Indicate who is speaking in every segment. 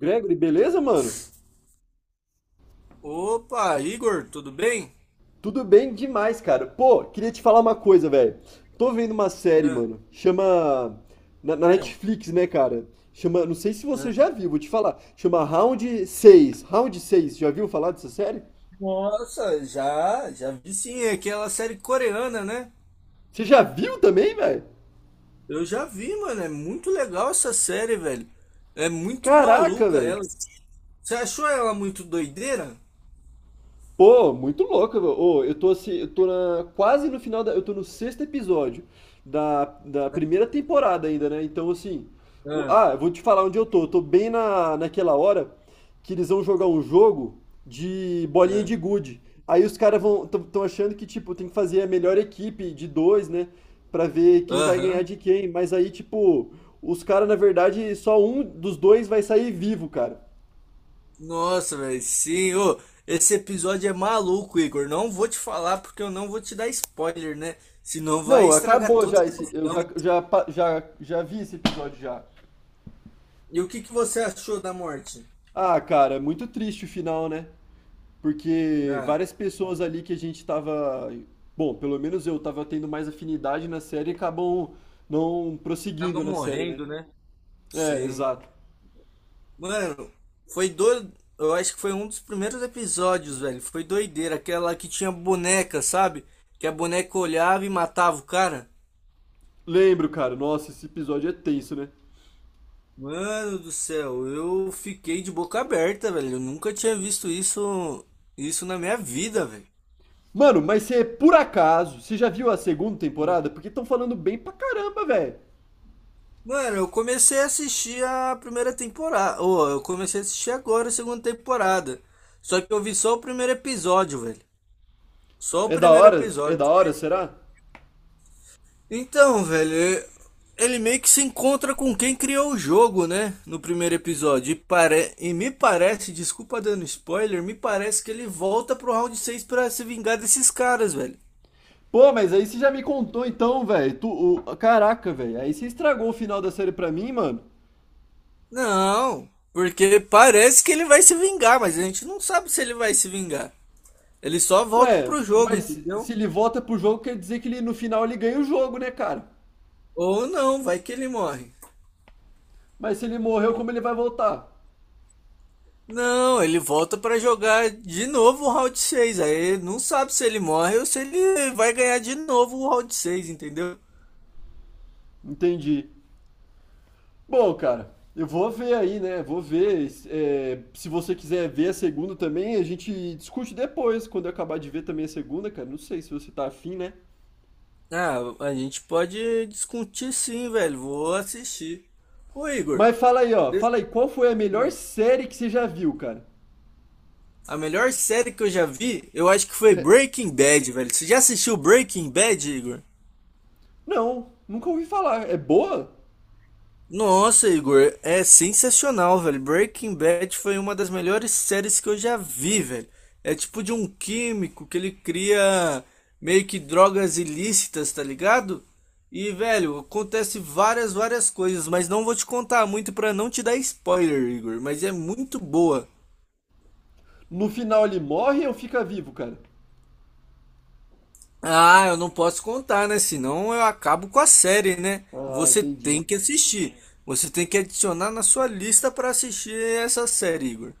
Speaker 1: Gregory, beleza, mano?
Speaker 2: Opa, Igor, tudo bem?
Speaker 1: Tudo bem demais, cara. Pô, queria te falar uma coisa, velho. Tô vendo uma série,
Speaker 2: Ah,
Speaker 1: mano. Chama. Na
Speaker 2: Claro.
Speaker 1: Netflix, né, cara? Chama. Não sei se você
Speaker 2: ah.
Speaker 1: já viu, vou te falar. Chama Round seis, Round seis. Já viu falar dessa série?
Speaker 2: Nossa, já vi sim, é aquela série coreana, né?
Speaker 1: Você já viu também, velho?
Speaker 2: Eu já vi, mano, é muito legal essa série, velho. É muito
Speaker 1: Caraca,
Speaker 2: maluca
Speaker 1: velho.
Speaker 2: ela. Você achou ela muito doideira?
Speaker 1: Pô, muito louco, meu. Ô, eu tô assim, eu tô no sexto episódio da primeira temporada ainda, né? Então, assim,
Speaker 2: Ah,
Speaker 1: eu vou te falar onde eu tô. Eu tô bem naquela hora que eles vão jogar um jogo de bolinha de
Speaker 2: ah.
Speaker 1: gude. Aí os caras vão, estão achando que, tipo, tem que fazer a melhor equipe de dois, né? Pra ver quem vai ganhar
Speaker 2: Aham.
Speaker 1: de quem. Mas aí, tipo, os caras, na verdade, só um dos dois vai sair vivo, cara.
Speaker 2: Nossa, velho, sim. Ô, esse episódio é maluco, Igor. Não vou te falar porque eu não vou te dar spoiler, né? Senão vai
Speaker 1: Não,
Speaker 2: estragar
Speaker 1: acabou
Speaker 2: toda
Speaker 1: já
Speaker 2: a
Speaker 1: esse. Eu
Speaker 2: emoção.
Speaker 1: já, já, pa- já, já vi esse episódio já.
Speaker 2: E o que que você achou da morte?
Speaker 1: Ah, cara, é muito triste o final, né? Porque
Speaker 2: Ah.
Speaker 1: várias pessoas ali que a gente tava. Bom, pelo menos eu tava tendo mais afinidade na série e acabam não
Speaker 2: Acaba
Speaker 1: prosseguindo na série, né?
Speaker 2: morrendo, né?
Speaker 1: É,
Speaker 2: Sim.
Speaker 1: exato.
Speaker 2: Mano, foi do... Eu acho que foi um dos primeiros episódios, velho. Foi doideira. Aquela que tinha boneca, sabe? Que a boneca olhava e matava o cara.
Speaker 1: Lembro, cara. Nossa, esse episódio é tenso, né?
Speaker 2: Mano do céu, eu fiquei de boca aberta, velho. Eu nunca tinha visto isso, isso na minha vida, velho.
Speaker 1: Mano, mas você, por acaso, você já viu a segunda temporada? Porque estão falando bem pra caramba, velho.
Speaker 2: Mano, eu comecei a assistir a primeira temporada. Ô, eu comecei a assistir agora a segunda temporada. Só que eu vi só o primeiro episódio, velho. Só o
Speaker 1: É da
Speaker 2: primeiro
Speaker 1: hora? É
Speaker 2: episódio.
Speaker 1: da hora, será?
Speaker 2: Então, velho, ele meio que se encontra com quem criou o jogo, né? No primeiro episódio. E, pare... e me parece, desculpa dando spoiler, me parece que ele volta pro round 6 pra se vingar desses caras, velho.
Speaker 1: Pô, mas aí você já me contou então, velho. Caraca, velho. Aí você estragou o final da série pra mim, mano.
Speaker 2: Não, porque parece que ele vai se vingar, mas a gente não sabe se ele vai se vingar. Ele só volta
Speaker 1: Ué,
Speaker 2: pro jogo,
Speaker 1: mas se
Speaker 2: entendeu?
Speaker 1: ele volta pro jogo, quer dizer que ele, no final ele ganha o jogo, né, cara?
Speaker 2: Ou não, vai que ele morre.
Speaker 1: Mas se ele morreu, como ele vai voltar?
Speaker 2: Não, ele volta pra jogar de novo o round seis. Aí não sabe se ele morre ou se ele vai ganhar de novo o round seis, entendeu?
Speaker 1: Entendi. Bom, cara, eu vou ver aí, né? Vou ver. É, se você quiser ver a segunda também, a gente discute depois, quando eu acabar de ver também a segunda, cara. Não sei se você tá afim, né?
Speaker 2: Ah, a gente pode discutir sim, velho. Vou assistir. Ô, Igor,
Speaker 1: Mas fala aí, ó.
Speaker 2: des-
Speaker 1: Fala aí, qual foi a melhor série que você já viu, cara?
Speaker 2: a melhor série que eu já vi, eu acho que foi
Speaker 1: É,
Speaker 2: Breaking Bad, velho. Você já assistiu Breaking Bad, Igor?
Speaker 1: Não, nunca ouvi falar. É boa?
Speaker 2: Nossa, Igor, é sensacional, velho. Breaking Bad foi uma das melhores séries que eu já vi, velho. É tipo de um químico que ele cria meio que drogas ilícitas, tá ligado? E, velho, acontece várias, várias coisas, mas não vou te contar muito pra não te dar spoiler, Igor, mas é muito boa.
Speaker 1: No final ele morre ou fica vivo, cara?
Speaker 2: Ah, eu não posso contar, né? Senão eu acabo com a série, né?
Speaker 1: Ah,
Speaker 2: Você
Speaker 1: entendi.
Speaker 2: tem que assistir. Você tem que adicionar na sua lista pra assistir essa série, Igor.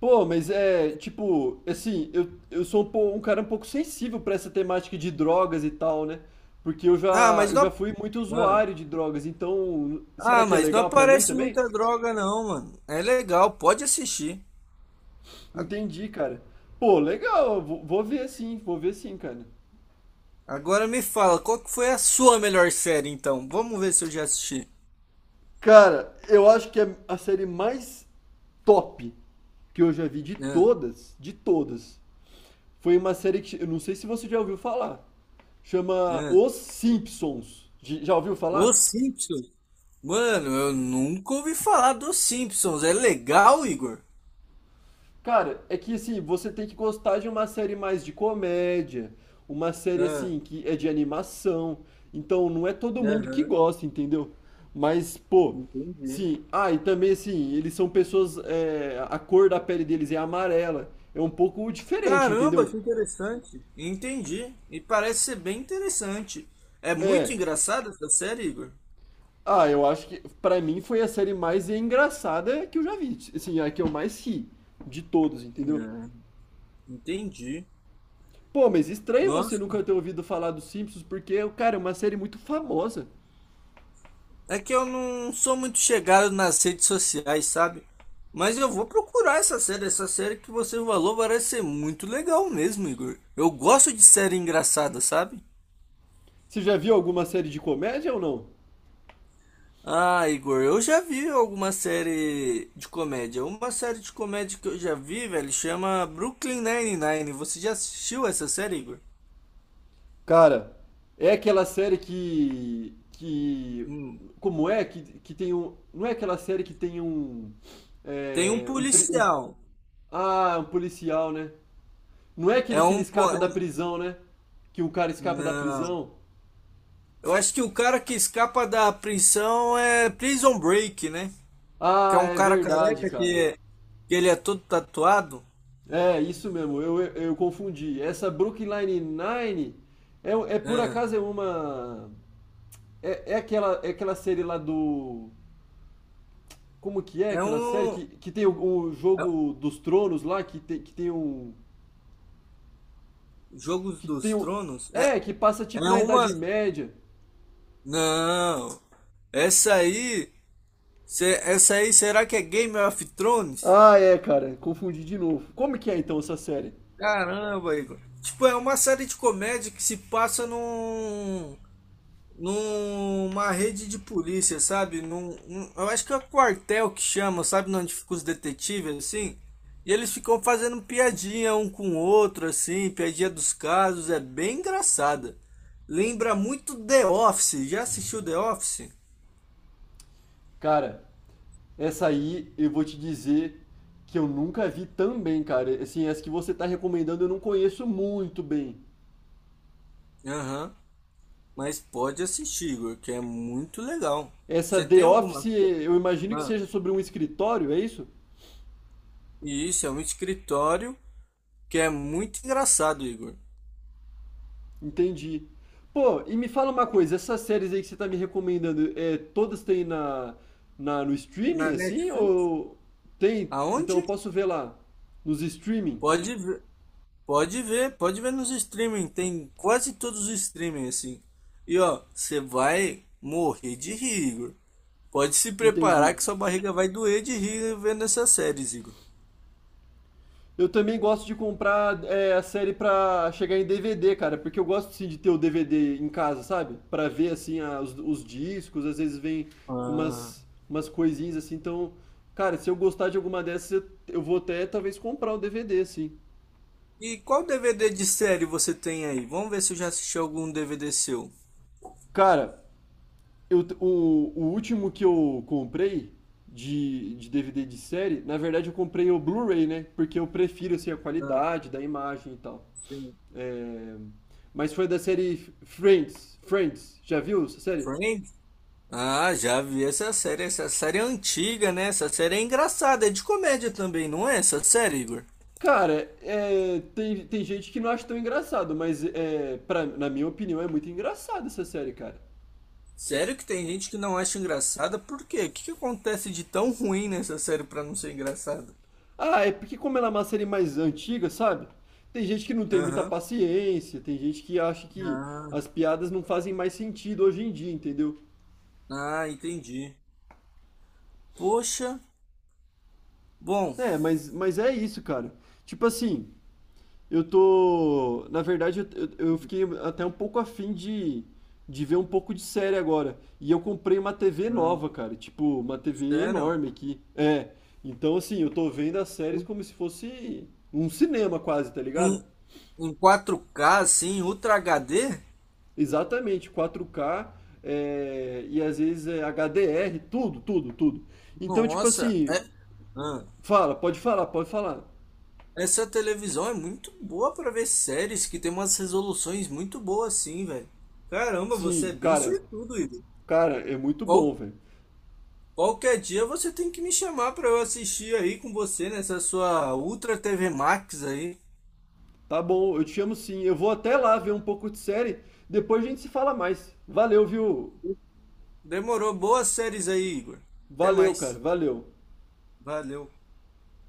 Speaker 1: Pô, mas é, tipo, assim, eu sou um, um cara um pouco sensível pra essa temática de drogas e tal, né? Porque
Speaker 2: Ah, mas
Speaker 1: eu já
Speaker 2: não.
Speaker 1: fui muito
Speaker 2: Ah,
Speaker 1: usuário de drogas, então será
Speaker 2: ah,
Speaker 1: que é
Speaker 2: mas não
Speaker 1: legal pra mim
Speaker 2: aparece
Speaker 1: também?
Speaker 2: muita droga, não, mano. É legal, pode assistir. A-
Speaker 1: Entendi, cara. Pô, legal, vou ver sim, cara.
Speaker 2: Agora me fala, qual que foi a sua melhor série, então? Vamos ver se eu já assisti.
Speaker 1: Cara, eu acho que é a série mais top que eu já vi de
Speaker 2: Ah,
Speaker 1: todas, de todas. Foi uma série que eu não sei se você já ouviu falar. Chama
Speaker 2: ah.
Speaker 1: Os Simpsons. Já ouviu
Speaker 2: Os
Speaker 1: falar?
Speaker 2: Simpsons? Mano, eu nunca ouvi falar dos Simpsons. É legal, Igor?
Speaker 1: Cara, é que assim, você tem que gostar de uma série mais de comédia, uma série
Speaker 2: Ah,
Speaker 1: assim que é de animação. Então não é todo mundo que
Speaker 2: aham,
Speaker 1: gosta, entendeu? Mas, pô,
Speaker 2: entendi.
Speaker 1: sim. Ah, e também assim, eles são pessoas. É, a cor da pele deles é amarela. É um pouco diferente,
Speaker 2: Caramba,
Speaker 1: entendeu?
Speaker 2: que interessante. Entendi. E parece ser bem interessante. É muito
Speaker 1: É,
Speaker 2: engraçada essa série, Igor?
Speaker 1: Ah, eu acho que pra mim foi a série mais engraçada que eu já vi. Assim, a que eu mais ri de todos, entendeu?
Speaker 2: Ah, entendi.
Speaker 1: Pô, mas estranho você
Speaker 2: Nossa.
Speaker 1: nunca ter ouvido falar dos Simpsons, porque, cara, é uma série muito famosa.
Speaker 2: É que eu não sou muito chegado nas redes sociais, sabe? Mas eu vou procurar essa série. Essa série que você falou parece ser muito legal mesmo, Igor. Eu gosto de série engraçada, sabe?
Speaker 1: Você já viu alguma série de comédia ou não?
Speaker 2: Ah, Igor, eu já vi alguma série de comédia. Uma série de comédia que eu já vi, velho, chama Brooklyn Nine-Nine. Você já assistiu essa série, Igor?
Speaker 1: Cara, é aquela série que
Speaker 2: Hum.
Speaker 1: como é que tem um, não é aquela série que tem um
Speaker 2: Tem um
Speaker 1: é, um, pri- um-
Speaker 2: policial.
Speaker 1: ah, um policial, né? Não é aquele
Speaker 2: É
Speaker 1: que ele
Speaker 2: um. po-
Speaker 1: escapa
Speaker 2: é-
Speaker 1: da prisão, né? Que um cara escapa da
Speaker 2: Não.
Speaker 1: prisão.
Speaker 2: Eu acho que o cara que escapa da prisão é Prison Break, né? Que é
Speaker 1: Ah,
Speaker 2: um
Speaker 1: é
Speaker 2: cara
Speaker 1: verdade,
Speaker 2: careca
Speaker 1: cara.
Speaker 2: que ele é todo tatuado.
Speaker 1: É, isso mesmo, eu confundi. Essa Brooklyn Nine-Nine é, é por
Speaker 2: É,
Speaker 1: acaso é uma. É aquela série lá do. Como que é
Speaker 2: é
Speaker 1: aquela série
Speaker 2: um.
Speaker 1: que tem o
Speaker 2: é-
Speaker 1: jogo dos tronos lá, que tem um.
Speaker 2: Jogos
Speaker 1: Que tem
Speaker 2: dos
Speaker 1: um.
Speaker 2: Tronos? É,
Speaker 1: É, que passa
Speaker 2: é
Speaker 1: tipo na
Speaker 2: uma.
Speaker 1: Idade Média.
Speaker 2: Não! Essa aí. Essa aí, será que é Game of Thrones?
Speaker 1: Ah, é, cara, confundi de novo. Como que é então essa série?
Speaker 2: Caramba, Igor. Tipo, é uma série de comédia que se passa num. Numa rede de polícia, sabe? Eu acho que é quartel que chama, sabe? Onde ficam os detetives, assim. E eles ficam fazendo piadinha um com o outro, assim, piadinha dos casos, é bem engraçada. Lembra muito The Office. Já assistiu The Office?
Speaker 1: Cara, essa aí eu vou te dizer que eu nunca vi tão bem, cara. Assim, essa que você tá recomendando eu não conheço muito bem.
Speaker 2: Aham. Mas pode assistir, Igor, que é muito legal.
Speaker 1: Essa
Speaker 2: Você
Speaker 1: The
Speaker 2: tem
Speaker 1: Office,
Speaker 2: alguma.
Speaker 1: eu imagino que
Speaker 2: Ah,
Speaker 1: seja sobre um escritório, é isso?
Speaker 2: e isso é um escritório que é muito engraçado, Igor.
Speaker 1: Entendi. Pô, e me fala uma coisa, essas séries aí que você tá me recomendando, é, todas têm no
Speaker 2: Na
Speaker 1: streaming, assim?
Speaker 2: Netflix?
Speaker 1: Ou tem? Então
Speaker 2: Aonde?
Speaker 1: eu posso ver lá, nos streaming?
Speaker 2: Pode ver. Pode ver, pode ver nos streaming, tem quase todos os streaming assim. E ó, você vai morrer de rir, Igor. Pode se preparar
Speaker 1: Entendi.
Speaker 2: que sua barriga vai doer de rir vendo essas séries, Igor.
Speaker 1: Eu também gosto de comprar é, a série pra chegar em DVD, cara, porque eu gosto sim de ter o DVD em casa, sabe? Pra ver assim os discos, às vezes vem com
Speaker 2: Ah.
Speaker 1: umas, umas coisinhas assim, então, cara, se eu gostar de alguma dessas, eu vou até talvez comprar o DVD, assim.
Speaker 2: E qual DVD de série você tem aí? Vamos ver se eu já assisti algum DVD seu.
Speaker 1: Cara, o último que eu comprei de DVD de série, na verdade eu comprei o Blu-ray, né? Porque eu prefiro assim a
Speaker 2: Ah,
Speaker 1: qualidade da imagem e tal.
Speaker 2: sim.
Speaker 1: É, mas foi da série Friends. Friends, já viu essa série?
Speaker 2: Friends? Ah, já vi essa série. Essa série é antiga, né? Essa série é engraçada, é de comédia também, não é essa série, Igor?
Speaker 1: Cara, é, tem gente que não acha tão engraçado, mas é, pra, na minha opinião é muito engraçada essa série, cara.
Speaker 2: Sério que tem gente que não acha engraçada? Por quê? O que que acontece de tão ruim nessa série pra não ser engraçada?
Speaker 1: Ah, é porque como ela é uma série mais antiga, sabe? Tem gente que não tem muita
Speaker 2: Aham.
Speaker 1: paciência, tem gente que acha que
Speaker 2: Ah,
Speaker 1: as piadas não fazem mais sentido hoje em dia, entendeu?
Speaker 2: entendi. Poxa, bom,
Speaker 1: É, mas é isso, cara. Tipo assim, eu tô. Na verdade, eu fiquei até um pouco afim de ver um pouco de série agora. E eu comprei uma TV
Speaker 2: ah,
Speaker 1: nova, cara. Tipo, uma TV
Speaker 2: sério?
Speaker 1: enorme aqui. É. Então, assim, eu tô vendo as séries como se fosse um cinema quase, tá ligado?
Speaker 2: Em, em 4K, assim, Ultra HD?
Speaker 1: Exatamente, 4K, é, e às vezes é HDR, tudo, tudo, tudo. Então, tipo
Speaker 2: Nossa,
Speaker 1: assim,
Speaker 2: é, ah,
Speaker 1: fala, pode falar, pode falar.
Speaker 2: essa televisão é muito boa pra ver séries que tem umas resoluções muito boas, assim, velho. Caramba, você
Speaker 1: Sim,
Speaker 2: é bem
Speaker 1: cara,
Speaker 2: sortudo, Igor.
Speaker 1: cara, é muito
Speaker 2: Qual,
Speaker 1: bom, velho.
Speaker 2: Qualquer dia você tem que me chamar pra eu assistir aí com você nessa sua Ultra TV Max aí.
Speaker 1: Tá bom, eu te chamo sim. Eu vou até lá ver um pouco de série. Depois a gente se fala mais. Valeu, viu?
Speaker 2: Demorou. Boas séries aí, Igor. Até
Speaker 1: Valeu, cara.
Speaker 2: mais.
Speaker 1: Valeu.
Speaker 2: Valeu.